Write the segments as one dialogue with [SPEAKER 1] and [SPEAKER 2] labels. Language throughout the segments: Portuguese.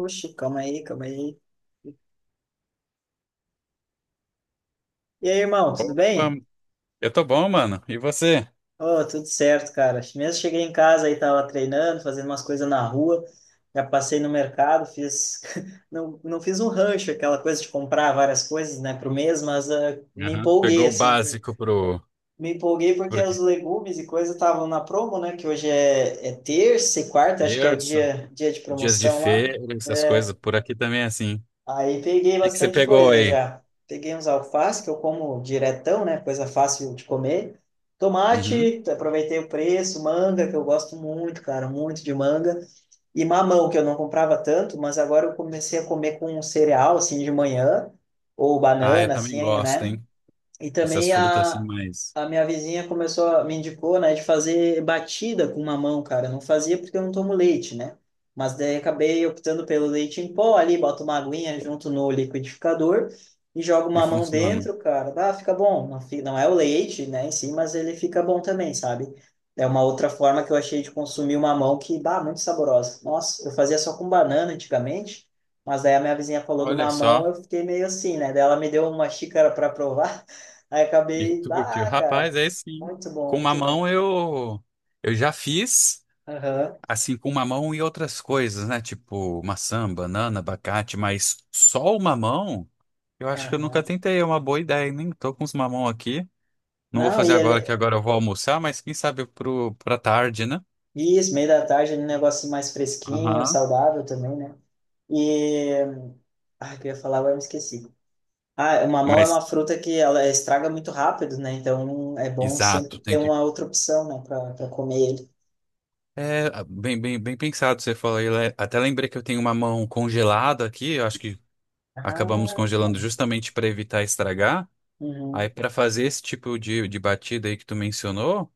[SPEAKER 1] Oxi, calma aí, calma aí. E aí, irmão, tudo
[SPEAKER 2] Opa,
[SPEAKER 1] bem?
[SPEAKER 2] eu tô bom, mano. E você?
[SPEAKER 1] Oh, tudo certo, cara. Mesmo cheguei em casa aí, tava treinando, fazendo umas coisas na rua. Já passei no mercado, fiz. Não, não fiz um rancho, aquela coisa de comprar várias coisas, né, pro mês, mas me
[SPEAKER 2] Aham.
[SPEAKER 1] empolguei,
[SPEAKER 2] Pegou o
[SPEAKER 1] assim.
[SPEAKER 2] básico pro,
[SPEAKER 1] Me empolguei porque
[SPEAKER 2] pro quê?
[SPEAKER 1] os legumes e coisas estavam na promo, né, que hoje é terça e quarta, acho que é o
[SPEAKER 2] Terça,
[SPEAKER 1] dia, dia de
[SPEAKER 2] dias de
[SPEAKER 1] promoção lá, né.
[SPEAKER 2] feira, essas coisas. Por aqui também é assim. O
[SPEAKER 1] Aí peguei
[SPEAKER 2] que que você
[SPEAKER 1] bastante
[SPEAKER 2] pegou
[SPEAKER 1] coisa
[SPEAKER 2] aí?
[SPEAKER 1] já. Peguei uns alface, que eu como diretão, né? Coisa fácil de comer.
[SPEAKER 2] Uhum.
[SPEAKER 1] Tomate, aproveitei o preço. Manga, que eu gosto muito, cara, muito de manga. E mamão, que eu não comprava tanto, mas agora eu comecei a comer com um cereal, assim, de manhã. Ou
[SPEAKER 2] Ah, eu
[SPEAKER 1] banana,
[SPEAKER 2] também
[SPEAKER 1] assim,
[SPEAKER 2] gosto,
[SPEAKER 1] né?
[SPEAKER 2] hein?
[SPEAKER 1] E
[SPEAKER 2] Essas
[SPEAKER 1] também
[SPEAKER 2] frutas assim,
[SPEAKER 1] a,
[SPEAKER 2] mas
[SPEAKER 1] a minha vizinha começou, me indicou, né, de fazer batida com mamão, cara. Eu não fazia porque eu não tomo leite, né? Mas daí acabei optando pelo leite em pó ali, boto uma aguinha junto no liquidificador e jogo o
[SPEAKER 2] e
[SPEAKER 1] mamão
[SPEAKER 2] funciona.
[SPEAKER 1] dentro, cara. Ah, fica bom. Não, não é o leite, né, em si, mas ele fica bom também, sabe? É uma outra forma que eu achei de consumir o mamão que, bah, muito saborosa. Nossa, eu fazia só com banana antigamente, mas daí a minha vizinha falou do
[SPEAKER 2] Olha
[SPEAKER 1] mamão,
[SPEAKER 2] só.
[SPEAKER 1] eu fiquei meio assim, né? Daí ela me deu uma xícara para provar. Aí
[SPEAKER 2] E
[SPEAKER 1] acabei,
[SPEAKER 2] tu curtiu?
[SPEAKER 1] ah,
[SPEAKER 2] Rapaz,
[SPEAKER 1] cara,
[SPEAKER 2] é sim.
[SPEAKER 1] muito bom,
[SPEAKER 2] Com
[SPEAKER 1] muito bom.
[SPEAKER 2] mamão eu já fiz
[SPEAKER 1] Aham,
[SPEAKER 2] assim com mamão e outras coisas, né? Tipo maçã, banana, abacate, mas só o mamão eu acho que eu nunca
[SPEAKER 1] aham.
[SPEAKER 2] tentei, é uma boa ideia, nem tô com os mamão aqui. Não vou
[SPEAKER 1] Não,
[SPEAKER 2] fazer
[SPEAKER 1] e
[SPEAKER 2] agora, que
[SPEAKER 1] ele,
[SPEAKER 2] agora eu vou almoçar, mas quem sabe pro, pra tarde, né?
[SPEAKER 1] isso, meio da tarde, um negócio mais fresquinho,
[SPEAKER 2] Aham.
[SPEAKER 1] saudável também, né? E, ah, o que eu ia falar, agora eu me esqueci. Ah, mamão é uma
[SPEAKER 2] Mas,
[SPEAKER 1] fruta que ela estraga muito rápido, né? Então é bom sempre
[SPEAKER 2] exato,
[SPEAKER 1] ter
[SPEAKER 2] tem que.
[SPEAKER 1] uma outra opção, né, pra comer ele.
[SPEAKER 2] É, bem, bem, bem pensado você falou aí. Até lembrei que eu tenho uma mão congelada aqui, eu acho que acabamos
[SPEAKER 1] Ah,
[SPEAKER 2] congelando justamente para evitar estragar. Aí,
[SPEAKER 1] uhum.
[SPEAKER 2] para fazer esse tipo de batida aí que tu mencionou,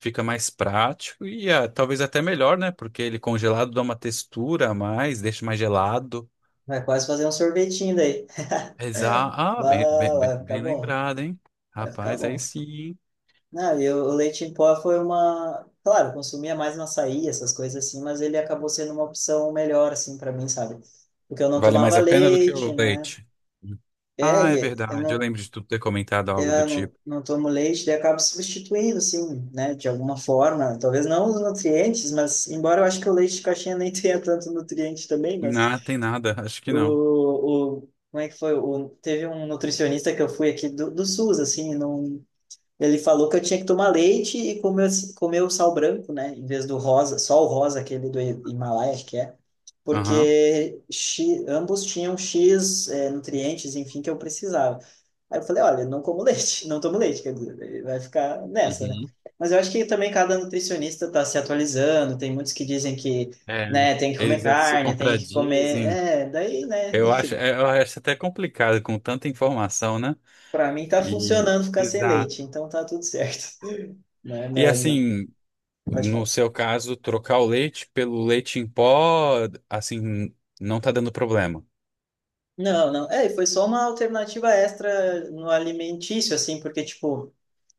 [SPEAKER 2] fica mais prático e talvez até melhor, né? Porque ele congelado dá uma textura a mais, deixa mais gelado.
[SPEAKER 1] Vai quase fazer um sorvetinho daí.
[SPEAKER 2] Ah, bem, bem,
[SPEAKER 1] Bah,
[SPEAKER 2] bem,
[SPEAKER 1] vai ficar
[SPEAKER 2] bem
[SPEAKER 1] bom,
[SPEAKER 2] lembrado, hein?
[SPEAKER 1] vai ficar
[SPEAKER 2] Rapaz, aí
[SPEAKER 1] bom.
[SPEAKER 2] sim.
[SPEAKER 1] Não, e o leite em pó foi uma. Claro, eu consumia mais no açaí, essas coisas assim, mas ele acabou sendo uma opção melhor, assim, para mim, sabe? Porque eu não
[SPEAKER 2] Vale
[SPEAKER 1] tomava
[SPEAKER 2] mais a pena do que
[SPEAKER 1] leite,
[SPEAKER 2] o
[SPEAKER 1] né?
[SPEAKER 2] leite.
[SPEAKER 1] É,
[SPEAKER 2] Ah, é
[SPEAKER 1] e eu
[SPEAKER 2] verdade. Eu
[SPEAKER 1] não,
[SPEAKER 2] lembro de tu ter comentado algo
[SPEAKER 1] é,
[SPEAKER 2] do
[SPEAKER 1] eu
[SPEAKER 2] tipo.
[SPEAKER 1] não tomo leite, daí eu acabo substituindo, assim, né? De alguma forma. Talvez não os nutrientes, mas embora eu acho que o leite de caixinha nem tenha tanto nutriente também, mas
[SPEAKER 2] Não, tem nada. Acho que não.
[SPEAKER 1] o, o, como é que foi? O, teve um nutricionista que eu fui aqui do SUS, assim, não. Ele falou que eu tinha que tomar leite e comer, comer o sal branco, né? Em vez do rosa, só o rosa, aquele do Himalaia, acho que é.
[SPEAKER 2] Aham.
[SPEAKER 1] Porque X, ambos tinham X nutrientes, enfim, que eu precisava. Aí eu falei, olha, não como leite, não tomo leite, quer dizer, vai ficar nessa, né?
[SPEAKER 2] Uhum.
[SPEAKER 1] Mas eu acho que também cada nutricionista está se atualizando, tem muitos que dizem que,
[SPEAKER 2] É,
[SPEAKER 1] né, tem que comer
[SPEAKER 2] eles se
[SPEAKER 1] carne, tem que comer...
[SPEAKER 2] contradizem.
[SPEAKER 1] É, daí, né,
[SPEAKER 2] Eu acho,
[SPEAKER 1] enfim.
[SPEAKER 2] é, eu acho até complicado com tanta informação, né?
[SPEAKER 1] Para mim tá
[SPEAKER 2] E,
[SPEAKER 1] funcionando ficar sem
[SPEAKER 2] exato.
[SPEAKER 1] leite, então tá tudo certo. Né?
[SPEAKER 2] E
[SPEAKER 1] Minha...
[SPEAKER 2] assim,
[SPEAKER 1] Pode
[SPEAKER 2] no
[SPEAKER 1] falar.
[SPEAKER 2] seu caso, trocar o leite pelo leite em pó, assim, não tá dando problema.
[SPEAKER 1] Não, não. É, e foi só uma alternativa extra no alimentício, assim, porque, tipo,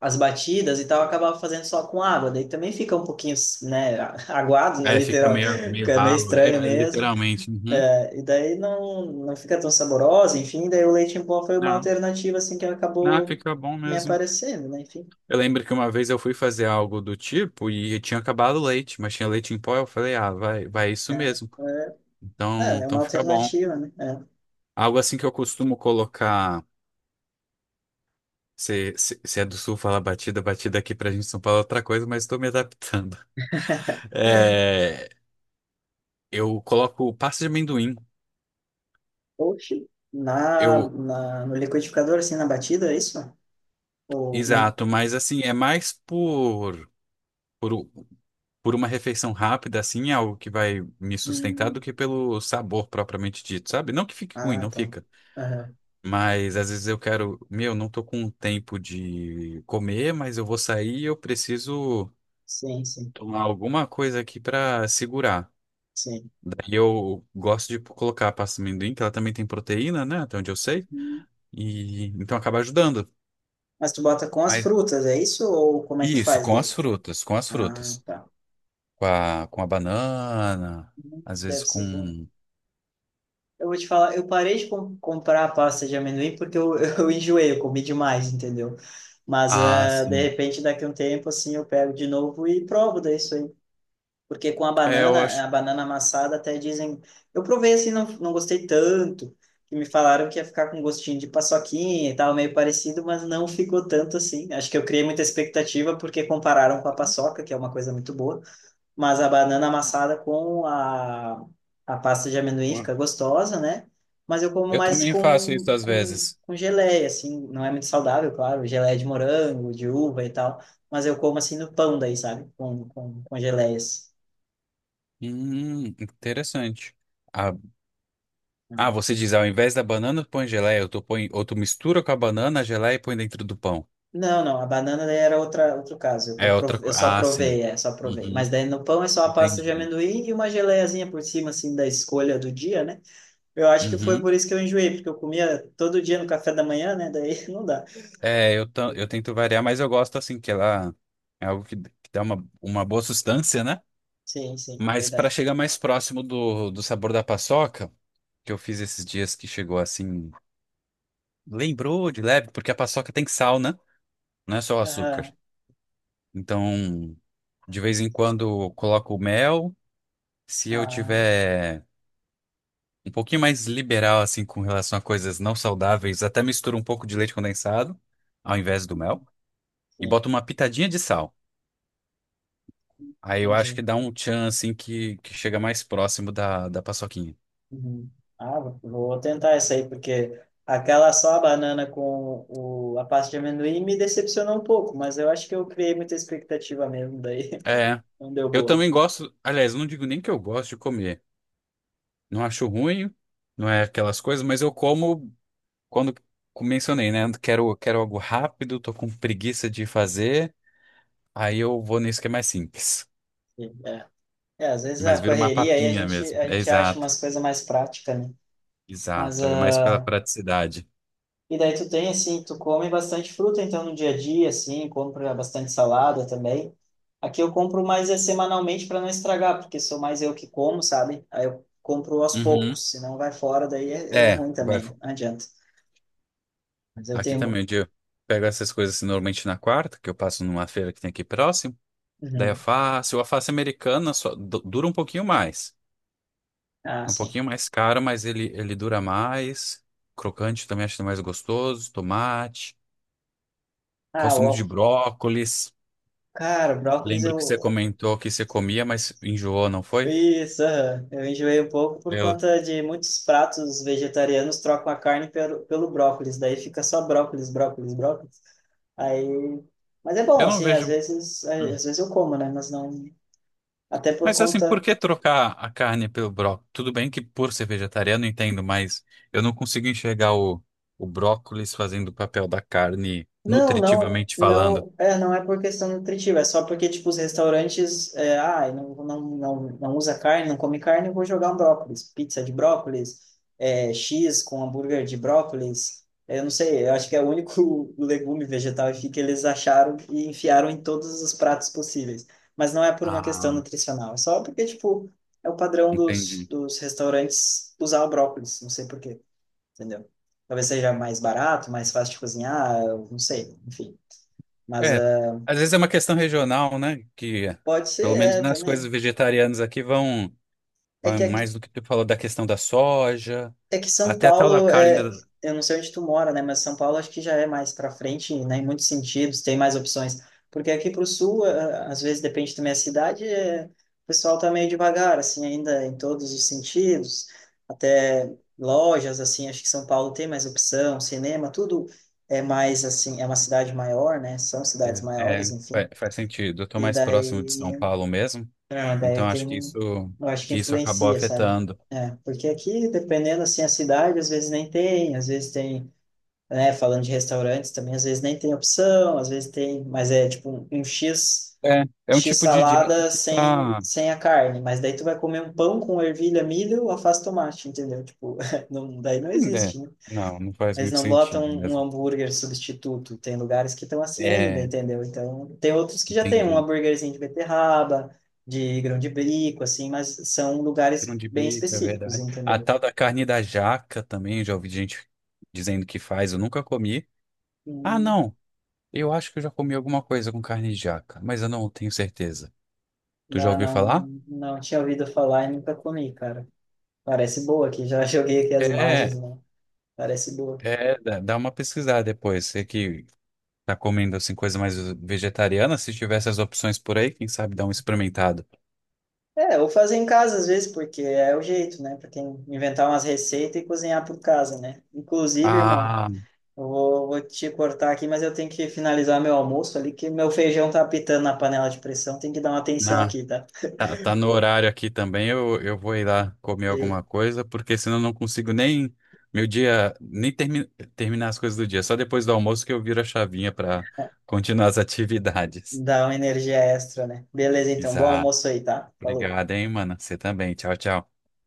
[SPEAKER 1] as batidas e tal, eu acabava fazendo só com água, daí também fica um pouquinho, né, aguado, né,
[SPEAKER 2] É, fica
[SPEAKER 1] literal,
[SPEAKER 2] meio, meio
[SPEAKER 1] fica meio
[SPEAKER 2] ralo. É,
[SPEAKER 1] estranho
[SPEAKER 2] é
[SPEAKER 1] mesmo,
[SPEAKER 2] literalmente. Uhum.
[SPEAKER 1] é, e daí não fica tão saborosa, enfim, daí o leite em pó foi uma
[SPEAKER 2] Não,
[SPEAKER 1] alternativa, assim, que
[SPEAKER 2] não,
[SPEAKER 1] acabou
[SPEAKER 2] fica bom
[SPEAKER 1] me
[SPEAKER 2] mesmo.
[SPEAKER 1] aparecendo, né, enfim.
[SPEAKER 2] Eu lembro que uma vez eu fui fazer algo do tipo e tinha acabado o leite, mas tinha leite em pó. Eu falei, ah, vai, vai isso mesmo.
[SPEAKER 1] É,
[SPEAKER 2] Então,
[SPEAKER 1] é uma
[SPEAKER 2] então fica bom.
[SPEAKER 1] alternativa, né? É.
[SPEAKER 2] Algo assim que eu costumo colocar. Se é do sul, fala batida, batida aqui pra gente em São Paulo é outra coisa, mas estou me adaptando. É, eu coloco pasta de amendoim.
[SPEAKER 1] Oxi.
[SPEAKER 2] Eu,
[SPEAKER 1] No liquidificador, assim, na batida, é isso? Ou, não?
[SPEAKER 2] exato, mas assim, é mais por. Por, por uma refeição rápida, assim, é algo que vai me sustentar
[SPEAKER 1] Hum,
[SPEAKER 2] do que pelo sabor propriamente dito, sabe? Não que fique ruim,
[SPEAKER 1] ah,
[SPEAKER 2] não
[SPEAKER 1] tá.
[SPEAKER 2] fica. Mas às vezes eu quero, meu, não tô com tempo de comer, mas eu vou sair e eu preciso
[SPEAKER 1] Sim, sim,
[SPEAKER 2] tomar alguma coisa aqui pra segurar.
[SPEAKER 1] sim.
[SPEAKER 2] Daí eu gosto de colocar a pasta de amendoim, que ela também tem proteína, né? Até onde eu sei.
[SPEAKER 1] Uhum.
[SPEAKER 2] E então acaba ajudando.
[SPEAKER 1] Mas tu bota com as
[SPEAKER 2] Mas
[SPEAKER 1] frutas, é isso? Ou como é que tu
[SPEAKER 2] isso,
[SPEAKER 1] faz
[SPEAKER 2] com as
[SPEAKER 1] daí?
[SPEAKER 2] frutas, com as
[SPEAKER 1] Ah,
[SPEAKER 2] frutas.
[SPEAKER 1] tá.
[SPEAKER 2] Com a banana,
[SPEAKER 1] Uhum.
[SPEAKER 2] às
[SPEAKER 1] Deve
[SPEAKER 2] vezes
[SPEAKER 1] ser bom.
[SPEAKER 2] com.
[SPEAKER 1] Eu vou te falar, eu parei de comprar a pasta de amendoim porque eu, eu enjoei, eu comi demais, entendeu? Mas,
[SPEAKER 2] Ah,
[SPEAKER 1] ah, de
[SPEAKER 2] sim.
[SPEAKER 1] repente, daqui a um tempo, assim, eu pego de novo e provo daí isso aí. Porque com
[SPEAKER 2] É, eu acho.
[SPEAKER 1] a banana amassada até dizem. Eu provei assim, não gostei tanto, que me falaram que ia ficar com gostinho de paçoquinha e tal, meio parecido, mas não ficou tanto assim. Acho que eu criei muita expectativa porque compararam com a paçoca, que é uma coisa muito boa, mas a banana amassada com a pasta de amendoim fica gostosa, né? Mas eu como
[SPEAKER 2] Eu
[SPEAKER 1] mais
[SPEAKER 2] também faço isso às vezes.
[SPEAKER 1] com geleia, assim, não é muito saudável, claro, geleia de morango, de uva e tal, mas eu como assim no pão daí, sabe? Com geleias.
[SPEAKER 2] Interessante. Ah, ah, você diz, ao invés da banana, põe geleia, ou tu põe, ou tu mistura com a banana, a geleia e põe dentro do pão.
[SPEAKER 1] Não, não, a banana daí era outra, outro caso, que eu,
[SPEAKER 2] É outra
[SPEAKER 1] prov... eu
[SPEAKER 2] coisa.
[SPEAKER 1] só
[SPEAKER 2] Ah, sim.
[SPEAKER 1] provei, é, só provei. Mas
[SPEAKER 2] Uhum,
[SPEAKER 1] daí no pão é só a pasta de
[SPEAKER 2] entendi.
[SPEAKER 1] amendoim e uma geleiazinha por cima, assim, da escolha do dia, né? Eu acho que foi
[SPEAKER 2] Uhum.
[SPEAKER 1] por isso que eu enjoei, porque eu comia todo dia no café da manhã, né? Daí não dá.
[SPEAKER 2] É, eu tento variar, mas eu gosto assim, que ela é algo que dá uma boa sustância, né?
[SPEAKER 1] Sim, sim,
[SPEAKER 2] Mas para
[SPEAKER 1] verdade.
[SPEAKER 2] chegar mais próximo do, do sabor da paçoca, que eu fiz esses dias que chegou assim, lembrou de leve, porque a paçoca tem sal, né? Não é só o açúcar.
[SPEAKER 1] Aham.
[SPEAKER 2] Então, de vez em quando eu coloco mel. Se eu
[SPEAKER 1] Ah,
[SPEAKER 2] tiver um pouquinho mais liberal assim com relação a coisas não saudáveis, até misturo um pouco de leite condensado ao invés do mel e
[SPEAKER 1] sim,
[SPEAKER 2] boto uma pitadinha de sal. Aí eu acho que
[SPEAKER 1] entendi.
[SPEAKER 2] dá um tchan assim que chega mais próximo da, da paçoquinha.
[SPEAKER 1] Uhum. Ah, vou tentar essa aí, porque aquela só a banana com o... a pasta de amendoim me decepcionou um pouco, mas eu acho que eu criei muita expectativa mesmo, daí
[SPEAKER 2] É,
[SPEAKER 1] não deu
[SPEAKER 2] eu
[SPEAKER 1] boa.
[SPEAKER 2] também gosto, aliás, eu não digo nem que eu gosto de comer. Não acho ruim, não é aquelas coisas, mas eu como quando eu mencionei, né? Quero, quero algo rápido, tô com preguiça de fazer, aí eu vou nisso que é mais simples.
[SPEAKER 1] Sim, é. É, às vezes a
[SPEAKER 2] Mas vira uma
[SPEAKER 1] correria aí
[SPEAKER 2] papinha mesmo.
[SPEAKER 1] a
[SPEAKER 2] É
[SPEAKER 1] gente acha
[SPEAKER 2] exato,
[SPEAKER 1] umas coisas mais práticas, né? Mas,
[SPEAKER 2] exato. É mais
[SPEAKER 1] ah,
[SPEAKER 2] pela praticidade.
[SPEAKER 1] e daí tu tem, assim, tu come bastante fruta, então, no dia a dia, assim, compra bastante salada também. Aqui eu compro mais é semanalmente para não estragar, porque sou mais eu que como, sabe? Aí eu compro aos
[SPEAKER 2] Uhum.
[SPEAKER 1] poucos, se não vai fora, daí é
[SPEAKER 2] É,
[SPEAKER 1] ruim
[SPEAKER 2] vai.
[SPEAKER 1] também, né? Não adianta. Mas eu
[SPEAKER 2] Aqui
[SPEAKER 1] tenho...
[SPEAKER 2] também, onde eu pego essas coisas assim, normalmente na quarta, que eu passo numa feira que tem aqui próximo. Daí eu
[SPEAKER 1] Uhum.
[SPEAKER 2] faço, o alface americana só dura um pouquinho mais.
[SPEAKER 1] Ah,
[SPEAKER 2] É um
[SPEAKER 1] sim.
[SPEAKER 2] pouquinho mais caro, mas ele dura mais. Crocante também acho mais gostoso. Tomate.
[SPEAKER 1] Ah,
[SPEAKER 2] Gosto muito
[SPEAKER 1] o...
[SPEAKER 2] de brócolis.
[SPEAKER 1] Cara, o brócolis
[SPEAKER 2] Lembro que você
[SPEAKER 1] eu...
[SPEAKER 2] comentou que você comia, mas enjoou, não foi?
[SPEAKER 1] Isso, aham. Eu enjoei um pouco por
[SPEAKER 2] Eu,
[SPEAKER 1] conta de muitos pratos vegetarianos trocam a carne pelo brócolis, daí fica só brócolis, brócolis, brócolis. Aí, mas é bom,
[SPEAKER 2] eu não
[SPEAKER 1] assim,
[SPEAKER 2] vejo.
[SPEAKER 1] às vezes, é,
[SPEAKER 2] Hum.
[SPEAKER 1] às vezes eu como, né? Mas não, até por
[SPEAKER 2] Mas assim, por
[SPEAKER 1] conta.
[SPEAKER 2] que trocar a carne pelo brócolis? Tudo bem que por ser vegetariano entendo, mas eu não consigo enxergar o brócolis fazendo o papel da carne,
[SPEAKER 1] Não, não,
[SPEAKER 2] nutritivamente falando.
[SPEAKER 1] não, é, não é por questão nutritiva, é só porque, tipo, os restaurantes, é, ah, não usa carne, não come carne, eu vou jogar um brócolis, pizza de brócolis, é, X com hambúrguer de brócolis, é, eu não sei, eu acho que é o único legume vegetal que eles acharam e enfiaram em todos os pratos possíveis, mas não é por uma questão
[SPEAKER 2] Ah,
[SPEAKER 1] nutricional, é só porque, tipo, é o padrão
[SPEAKER 2] entendi.
[SPEAKER 1] dos restaurantes usar o brócolis, não sei por quê, entendeu? Talvez seja mais barato, mais fácil de cozinhar, eu não sei, enfim. Mas
[SPEAKER 2] É, às vezes é uma questão regional, né? Que
[SPEAKER 1] pode ser,
[SPEAKER 2] pelo menos
[SPEAKER 1] é,
[SPEAKER 2] nas coisas
[SPEAKER 1] também.
[SPEAKER 2] vegetarianas aqui vão,
[SPEAKER 1] É
[SPEAKER 2] vão
[SPEAKER 1] que,
[SPEAKER 2] mais do que tu falou da questão da soja,
[SPEAKER 1] é que São
[SPEAKER 2] até a tal da
[SPEAKER 1] Paulo,
[SPEAKER 2] carne
[SPEAKER 1] é, eu não sei onde tu mora, né? Mas São Paulo acho que já é mais para frente, né? Em muitos sentidos, tem mais opções. Porque aqui para o sul, às vezes depende também da cidade, o pessoal tá meio devagar, assim, ainda em todos os sentidos. Até lojas, assim, acho que São Paulo tem mais opção, cinema, tudo é mais, assim, é uma cidade maior, né? São cidades
[SPEAKER 2] É,
[SPEAKER 1] maiores, enfim.
[SPEAKER 2] faz sentido. Eu tô
[SPEAKER 1] E
[SPEAKER 2] mais próximo de São
[SPEAKER 1] daí,
[SPEAKER 2] Paulo mesmo,
[SPEAKER 1] não, daí
[SPEAKER 2] então
[SPEAKER 1] tem,
[SPEAKER 2] acho
[SPEAKER 1] eu acho que
[SPEAKER 2] que isso acabou
[SPEAKER 1] influencia, sabe?
[SPEAKER 2] afetando.
[SPEAKER 1] É, porque aqui, dependendo, assim, a cidade, às vezes nem tem, às vezes tem, né, falando de restaurantes também, às vezes nem tem opção, às vezes tem, mas é tipo um X,
[SPEAKER 2] É, é um
[SPEAKER 1] X
[SPEAKER 2] tipo de dieta
[SPEAKER 1] salada
[SPEAKER 2] que tá.
[SPEAKER 1] sem a carne, mas daí tu vai comer um pão com ervilha, milho, alface, tomate, entendeu? Tipo, não, daí não
[SPEAKER 2] É,
[SPEAKER 1] existe,
[SPEAKER 2] não, não faz
[SPEAKER 1] eles
[SPEAKER 2] muito
[SPEAKER 1] não botam
[SPEAKER 2] sentido
[SPEAKER 1] um
[SPEAKER 2] mesmo.
[SPEAKER 1] hambúrguer substituto. Tem lugares que estão assim ainda,
[SPEAKER 2] É,
[SPEAKER 1] entendeu? Então, tem outros que já tem um
[SPEAKER 2] entendi.
[SPEAKER 1] hambúrguerzinho de beterraba, de grão de bico, assim, mas são
[SPEAKER 2] Grão
[SPEAKER 1] lugares
[SPEAKER 2] de
[SPEAKER 1] bem
[SPEAKER 2] bico, é
[SPEAKER 1] específicos,
[SPEAKER 2] verdade. A
[SPEAKER 1] entendeu?
[SPEAKER 2] tal da carne da jaca também, já ouvi gente dizendo que faz, eu nunca comi. Ah,
[SPEAKER 1] Hum,
[SPEAKER 2] não, eu acho que eu já comi alguma coisa com carne de jaca, mas eu não tenho certeza. Tu já
[SPEAKER 1] bah,
[SPEAKER 2] ouviu falar?
[SPEAKER 1] não, não tinha ouvido falar e nunca comi, cara. Parece boa aqui, já joguei aqui as
[SPEAKER 2] É,
[SPEAKER 1] imagens, né? Parece boa.
[SPEAKER 2] é, dá uma pesquisada depois. Você que tá comendo assim coisa mais vegetariana? Se tivesse as opções por aí, quem sabe dar um experimentado.
[SPEAKER 1] É, ou fazer em casa às vezes, porque é o jeito, né? Pra quem inventar umas receitas e cozinhar por casa, né? Inclusive, irmão.
[SPEAKER 2] Ah,
[SPEAKER 1] Eu vou, vou te cortar aqui, mas eu tenho que finalizar meu almoço ali, que meu feijão tá apitando na panela de pressão. Tem que dar uma atenção
[SPEAKER 2] na,
[SPEAKER 1] aqui, tá?
[SPEAKER 2] tá, tá no horário aqui também. Eu vou ir lá comer
[SPEAKER 1] E
[SPEAKER 2] alguma coisa, porque senão eu não consigo nem meu dia, nem termi, terminar as coisas do dia. Só depois do almoço que eu viro a chavinha para continuar as atividades.
[SPEAKER 1] dar uma energia extra, né? Beleza, então. Bom
[SPEAKER 2] Exato.
[SPEAKER 1] almoço aí, tá? Falou.
[SPEAKER 2] Obrigado, hein, mano. Você também. Tchau, tchau.